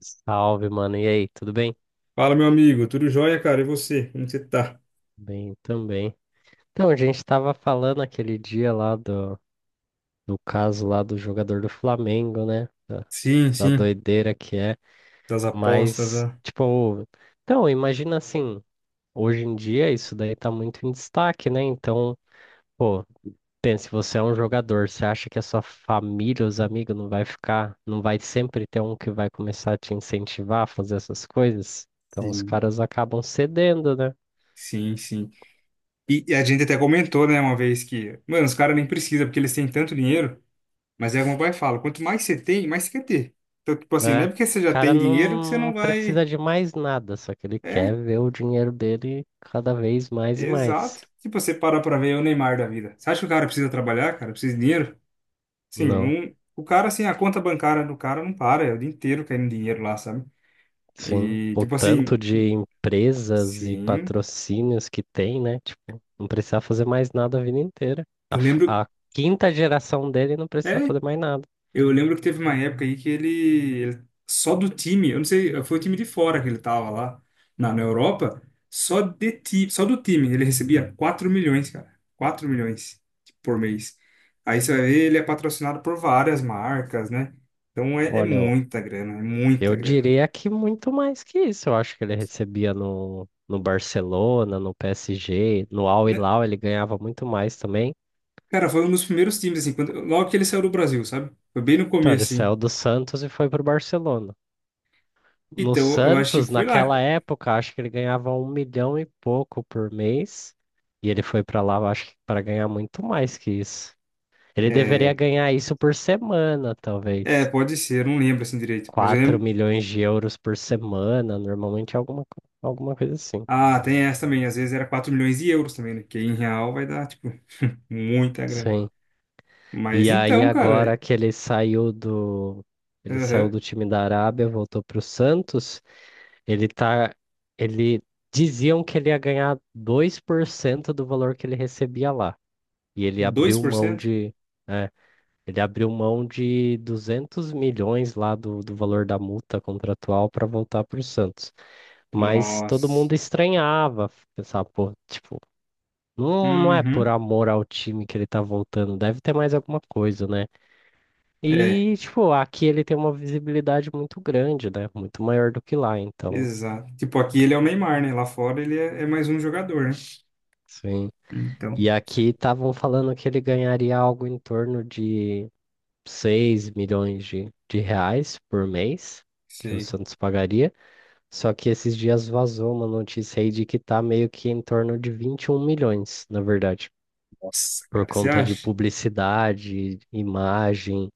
Salve, mano. E aí, tudo bem? Fala, meu amigo, tudo jóia, cara? E você? Como você tá? Bem também. Então, a gente tava falando aquele dia lá do caso lá do jogador do Flamengo, né? Da, Sim, da sim. doideira que é. Das apostas, Mas, ah. tipo, então, imagina assim, hoje em dia isso daí tá muito em destaque, né? Então, pô, pense, você é um jogador, você acha que a sua família, os amigos, não vai sempre ter um que vai começar a te incentivar a fazer essas coisas? Então, os Sim, caras acabam cedendo, né? sim, sim. E, a gente até comentou, né, uma vez que, mano, os caras nem precisam, porque eles têm tanto dinheiro, mas é como o pai fala, quanto mais você tem, mais você quer ter. Então, tipo assim, É. não é porque você O já cara tem dinheiro que você não não vai. precisa de mais nada, só que ele quer É, ver o dinheiro dele cada vez mais e mais. exato. Tipo, você parar pra ver é o Neymar da vida. Você acha que o cara precisa trabalhar, cara? Precisa de dinheiro? Sim, Não, não. O cara, assim, a conta bancária do cara não para, é o dia inteiro caindo dinheiro lá, sabe? sim. E, O tipo assim. tanto de empresas e Sim, patrocínios que tem, né? Tipo, não precisa fazer mais nada a vida inteira. Eu lembro, A quinta geração dele não precisa é, fazer mais nada. eu lembro que teve uma época aí que ele- só do time, eu não sei, foi o time de fora que ele tava lá na Europa, só de ti, só do time ele recebia 4 milhões, cara. 4 milhões por mês. Aí você vai ver, ele é patrocinado por várias marcas, né? Então é Olha, eu muita grana, é muita eu grana. diria que muito mais que isso. Eu acho que ele recebia no Barcelona, no PSG, no Al Né? Hilal, ele ganhava muito mais também. Cara, foi um dos primeiros times assim, quando, logo que ele saiu do Brasil, sabe? Foi bem no Então, ele começo, assim. saiu do Santos e foi pro Barcelona. No Então, eu acho que Santos, foi lá. naquela época, acho que ele ganhava 1 milhão e pouco por mês. E ele foi pra lá, eu acho que para ganhar muito mais que isso. Ele deveria É, ganhar isso por semana, é, talvez. pode ser, eu não lembro assim direito, mas eu Quatro lembro. milhões de euros por semana, normalmente alguma coisa assim. Ah, tem essa também. Às vezes era 4 milhões de euros também, né? Que em real vai dar, tipo, muita grana. Sim. Mas E aí então, agora cara, que ele saiu do ele saiu aham, do time da Arábia, voltou pro Santos. Ele tá. Ele diziam que ele ia ganhar 2% do valor que ele recebia lá. E ele dois abriu por mão cento, de. É, ele abriu mão de 200 milhões lá do valor da multa contratual para voltar para o Santos. Mas todo nossa. mundo estranhava, pensava, pô, tipo, não é por Uhum. amor ao time que ele tá voltando, deve ter mais alguma coisa, né? É, E, tipo, aqui ele tem uma visibilidade muito grande, né? Muito maior do que lá, então. exato. Tipo, aqui ele é o Neymar, né? Lá fora ele é, é mais um jogador, né? Sim. Então, E aqui estavam falando que ele ganharia algo em torno de 6 milhões de reais por mês, que o sei. Santos pagaria. Só que esses dias vazou uma notícia aí de que tá meio que em torno de 21 milhões, na verdade, Nossa, por cara, você conta de acha? publicidade, imagem,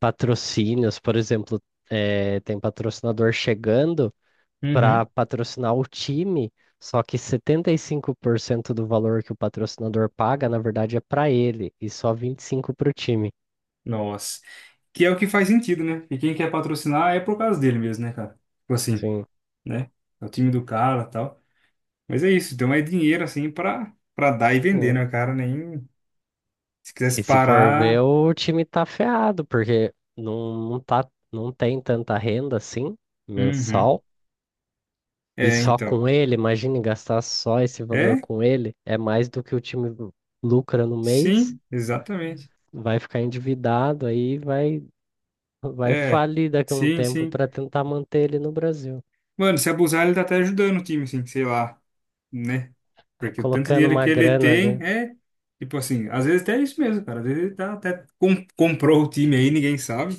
patrocínios, por exemplo, tem patrocinador chegando para Uhum. patrocinar o time, só que 75% do valor que o patrocinador paga, na verdade, é para ele e só 25% para o time. Nossa. Que é o que faz sentido, né? E quem quer patrocinar é por causa dele mesmo, né, cara? Tipo assim, Sim, né? É o time do cara, e tal. Mas é isso, então é dinheiro assim pra para dar e vender, né? né, cara? Nem se quisesse E se for ver, parar. o time tá ferrado, porque não, não tá, não tem tanta renda assim, Uhum. mensal. E É, só então. com ele, imagine gastar só esse valor É? com ele, é mais do que o time lucra no mês, Sim, exatamente. vai ficar endividado, aí vai É. falir daqui a um Sim, tempo sim. para tentar manter ele no Brasil. Mano, se abusar, ele tá até ajudando o time, assim, sei lá, né? Tá Porque o tanto de colocando dinheiro uma que ele grana tem ali. é. Tipo assim, às vezes até é isso mesmo, cara. Às vezes ele tá até com- comprou o time aí, ninguém sabe.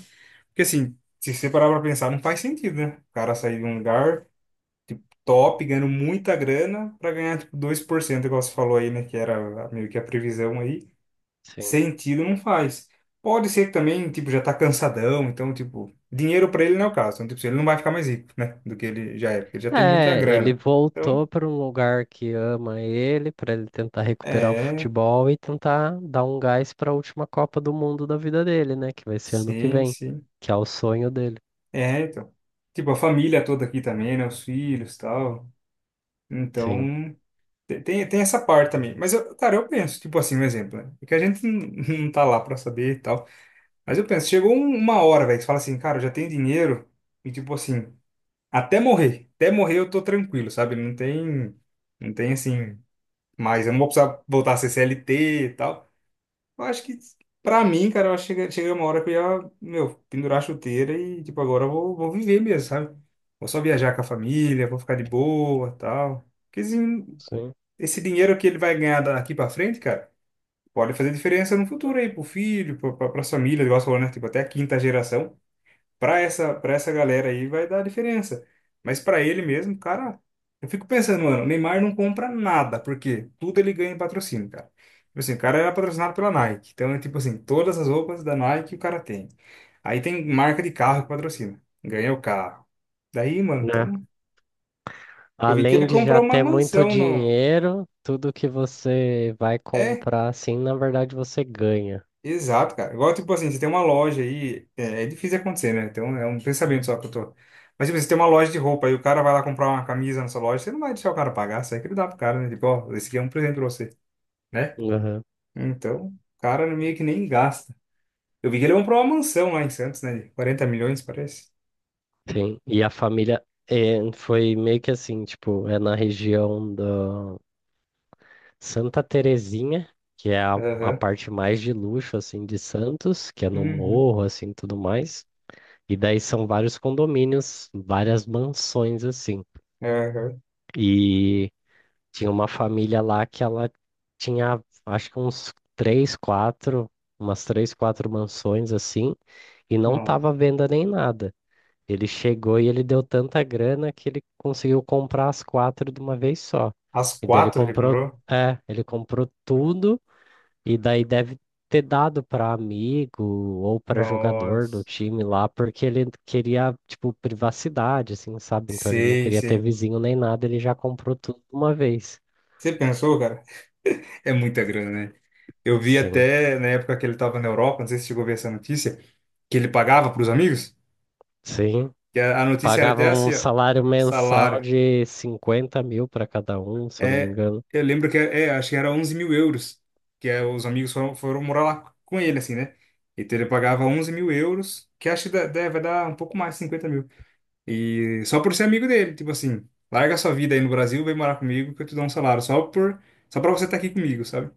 Porque assim, se você parar pra pensar, não faz sentido, né? O cara sair de um lugar. Tipo, top, ganhando muita grana, para ganhar, tipo, 2% igual você falou aí, né? Que era a- meio que a previsão aí. Sim. Sentido não faz. Pode ser que também, tipo, já tá cansadão, então, tipo, dinheiro para ele não é o caso. Então, tipo, ele não vai ficar mais rico, né? Do que ele já é, porque ele já tem muita É, ele grana. Então, voltou para um lugar que ama ele, para ele tentar recuperar o é, futebol e tentar dar um gás para a última Copa do Mundo da vida dele, né? Que vai ser ano que sim, vem, sim. que é o sonho dele. É, então. Tipo, a família toda aqui também, né? Os filhos e tal. Sim. Então, te- tem essa parte também. Mas, eu, cara, eu penso, tipo assim, um exemplo, né? Porque a gente não não tá lá pra saber e tal. Mas eu penso, chegou um- uma hora, velho, que você fala assim, cara, eu já tenho dinheiro e tipo assim, até morrer, eu tô tranquilo, sabe? Não tem assim, mas eu não vou precisar voltar a ser CLT e tal. Eu acho que, pra mim, cara, eu acho que chega uma hora que eu ia, meu, pendurar a chuteira e tipo, agora eu vou viver mesmo, sabe? Vou só viajar com a família, vou ficar de boa, tal. Porque assim, Sim. esse dinheiro que ele vai ganhar daqui pra frente, cara, pode fazer diferença no futuro aí, pro filho, pras famílias, igual você falou, né? Tipo, até a quinta geração para essa galera aí vai dar diferença. Mas para ele mesmo, cara, eu fico pensando, mano, o Neymar não compra nada, porque tudo ele ganha em patrocínio, cara. Tipo assim, o cara era patrocinado pela Nike. Então, é tipo assim, todas as roupas da Nike o cara tem. Aí tem marca de carro que patrocina. Ganha o carro. Daí, mano, Né? então, eu vi que ele Além de já comprou uma ter muito mansão no. dinheiro, tudo que você vai É, comprar, assim, na verdade você ganha. exato, cara. Igual, tipo assim, você tem uma loja aí, é difícil acontecer, né? Então é um pensamento só que eu tô. Mas, tipo, assim, você tem uma loja de roupa e o cara vai lá comprar uma camisa na sua loja, você não vai deixar o cara pagar, você vai querer dar pro cara, né? Tipo, ó, esse aqui é um presente pra você, né? Aham. Então, o cara meio que nem gasta. Eu vi que ele comprou uma mansão lá em Santos, né? De 40 milhões, parece. Sim. E a família é, foi meio que assim, tipo, é na região da Santa Terezinha, que é a Aham. parte mais de luxo assim de Santos, que é no Uhum. morro assim, tudo mais. E daí são vários condomínios, várias mansões assim. Aham. E tinha uma família lá que ela tinha, acho que umas três, quatro mansões assim, e não Nossa. tava à venda nem nada. Ele chegou e ele deu tanta grana que ele conseguiu comprar as quatro de uma vez só. As E daí quatro ele comprou? Ele comprou tudo e daí deve ter dado para amigo ou para jogador do Nossa. time lá, porque ele queria, tipo, privacidade, assim, sabe? Então ele não Sei, queria ter sei. vizinho nem nada, ele já comprou tudo de uma vez. Você pensou, cara? É muita grana, né? Eu vi Sim, até na época que ele estava na Europa, não sei se chegou a ver essa notícia, que ele pagava para os amigos, sim. que a notícia era Pagava até um assim, ó, salário um mensal salário. de 50 mil para cada um, se eu não me É, engano. eu lembro que, acho que era 11 mil euros, que é, os amigos foram morar lá com ele, assim, né? Então ele pagava 11 mil euros, que acho que dá- dá- vai dar um pouco mais, 50 mil. E só por ser amigo dele, tipo assim, larga sua vida aí no Brasil, vem morar comigo que eu te dou um salário, só por, só para você estar aqui comigo, sabe?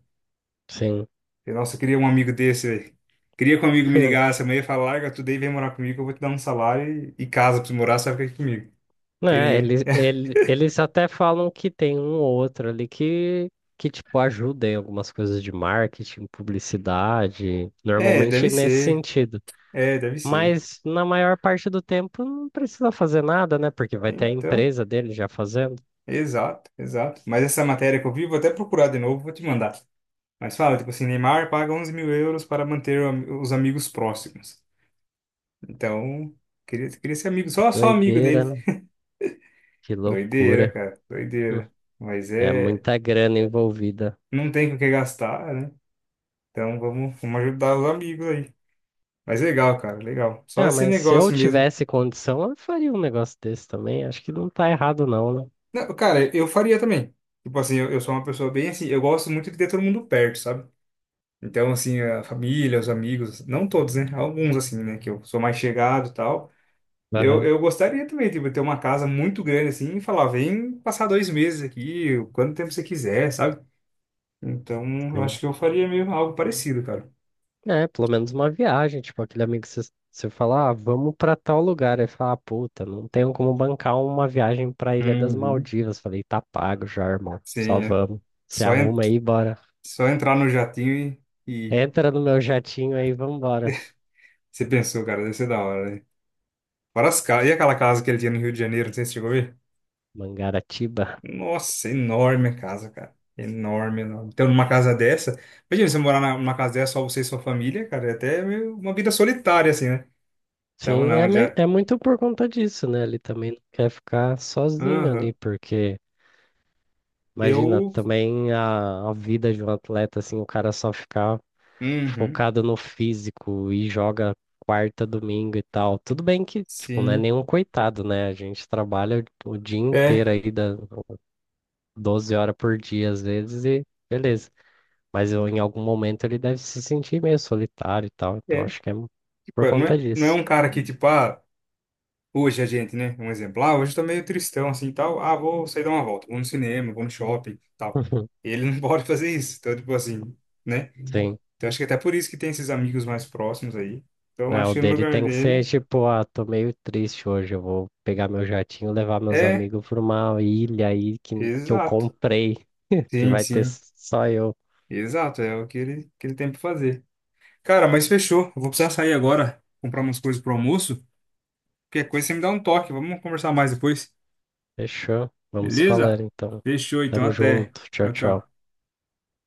Sim. Falei, nossa, eu queria um amigo desse, velho. Queria que um amigo me ligasse amanhã e falasse, larga tudo aí, vem morar comigo, eu vou te dar um salário e casa pra você morar, você vai ficar aqui comigo. Né, Queria, hein? Eles até falam que tem um ou outro ali que tipo, ajuda em algumas coisas de marketing, publicidade, É, deve normalmente nesse ser. sentido. É, deve ser. Mas na maior parte do tempo não precisa fazer nada, né? Porque vai ter a Então, empresa dele já fazendo. exato, exato. Mas essa matéria que eu vi, vou até procurar de novo, vou te mandar. Mas fala, tipo assim, Neymar paga 11 mil euros para manter o am- os amigos próximos. Então, queria ser amigo, só amigo Doideira, dele. né? Que Doideira, loucura. cara, Hum, doideira. Mas É é, muita grana envolvida. não tem com o que gastar, né? Então, vamos ajudar os amigos aí. Mas legal, cara, legal. Só Ah, esse mas se eu negócio mesmo. tivesse condição, eu faria um negócio desse também. Acho que não tá errado, não, né? Não, cara, eu faria também. Tipo assim, eu sou uma pessoa bem assim, eu gosto muito de ter todo mundo perto, sabe? Então, assim, a família, os amigos, não todos, né? Alguns, assim, né? Que eu sou mais chegado e tal. Eu, Aham, eu gostaria também, tipo, ter uma casa muito grande, assim, e falar, vem passar dois meses aqui, quanto tempo você quiser, sabe? Então, eu acho sim. que eu faria mesmo algo parecido, cara. É, pelo menos uma viagem, tipo, aquele amigo que você fala, ah, vamos pra tal lugar. Ele fala, ah, puta, não tenho como bancar uma viagem pra Ilha das Uhum. Maldivas. Falei, tá pago já, irmão. Só Sim, é vamos. Se só, en- arruma aí, bora. só entrar no jatinho e Entra no meu jatinho aí, vambora. você pensou, cara, deve ser da hora, né? Várias casas. E aquela casa que ele tinha no Rio de Janeiro, não sei se você chegou a ver? Mangaratiba. Nossa, enorme a casa, cara. Enorme, enorme. Então, numa casa dessa, imagina você morar na- numa casa dessa, só você e sua família, cara, é até meio uma vida solitária, assim, né? Então, Sim, não, já. é muito por conta disso, né? Ele também não quer ficar sozinho Aham. ali, porque imagina Eu. também a vida de um atleta, assim, o cara só ficar Uhum. focado no físico e joga quarta, domingo e tal. Tudo bem que, tipo, não é Sim. nenhum coitado, né? A gente trabalha o dia É, inteiro aí, 12 horas por dia às vezes, e beleza. Mas eu, em algum momento ele deve se sentir meio solitário e tal, então é. acho que é por Tipo, não conta é, não é disso. um cara que, tipo, ah, hoje a gente, né? Um exemplo. Ah, hoje eu tô meio tristão, assim, tal. Ah, vou sair dar uma volta, vou no cinema, vou no shopping, tal. Ele não pode fazer isso. Então, tipo assim. Né? Sim. Então acho que até por isso que tem esses amigos mais próximos aí. Então É, acho o que no dele lugar tem que ser dele. tipo, ah, tô meio triste hoje, eu vou pegar meu jatinho, levar meus É, amigos pra uma ilha aí que eu exato. comprei, que Sim, vai ter sim. só eu. Exato, é o que ele tem pra fazer. Cara, mas fechou. Eu vou precisar sair agora, comprar umas coisas pro almoço. Qualquer coisa você me dá um toque. Vamos conversar mais depois. Fechou? Vamos se Beleza? falando então. Fechou, então Tamo até. junto. Tchau, Tchau, tchau. tchau.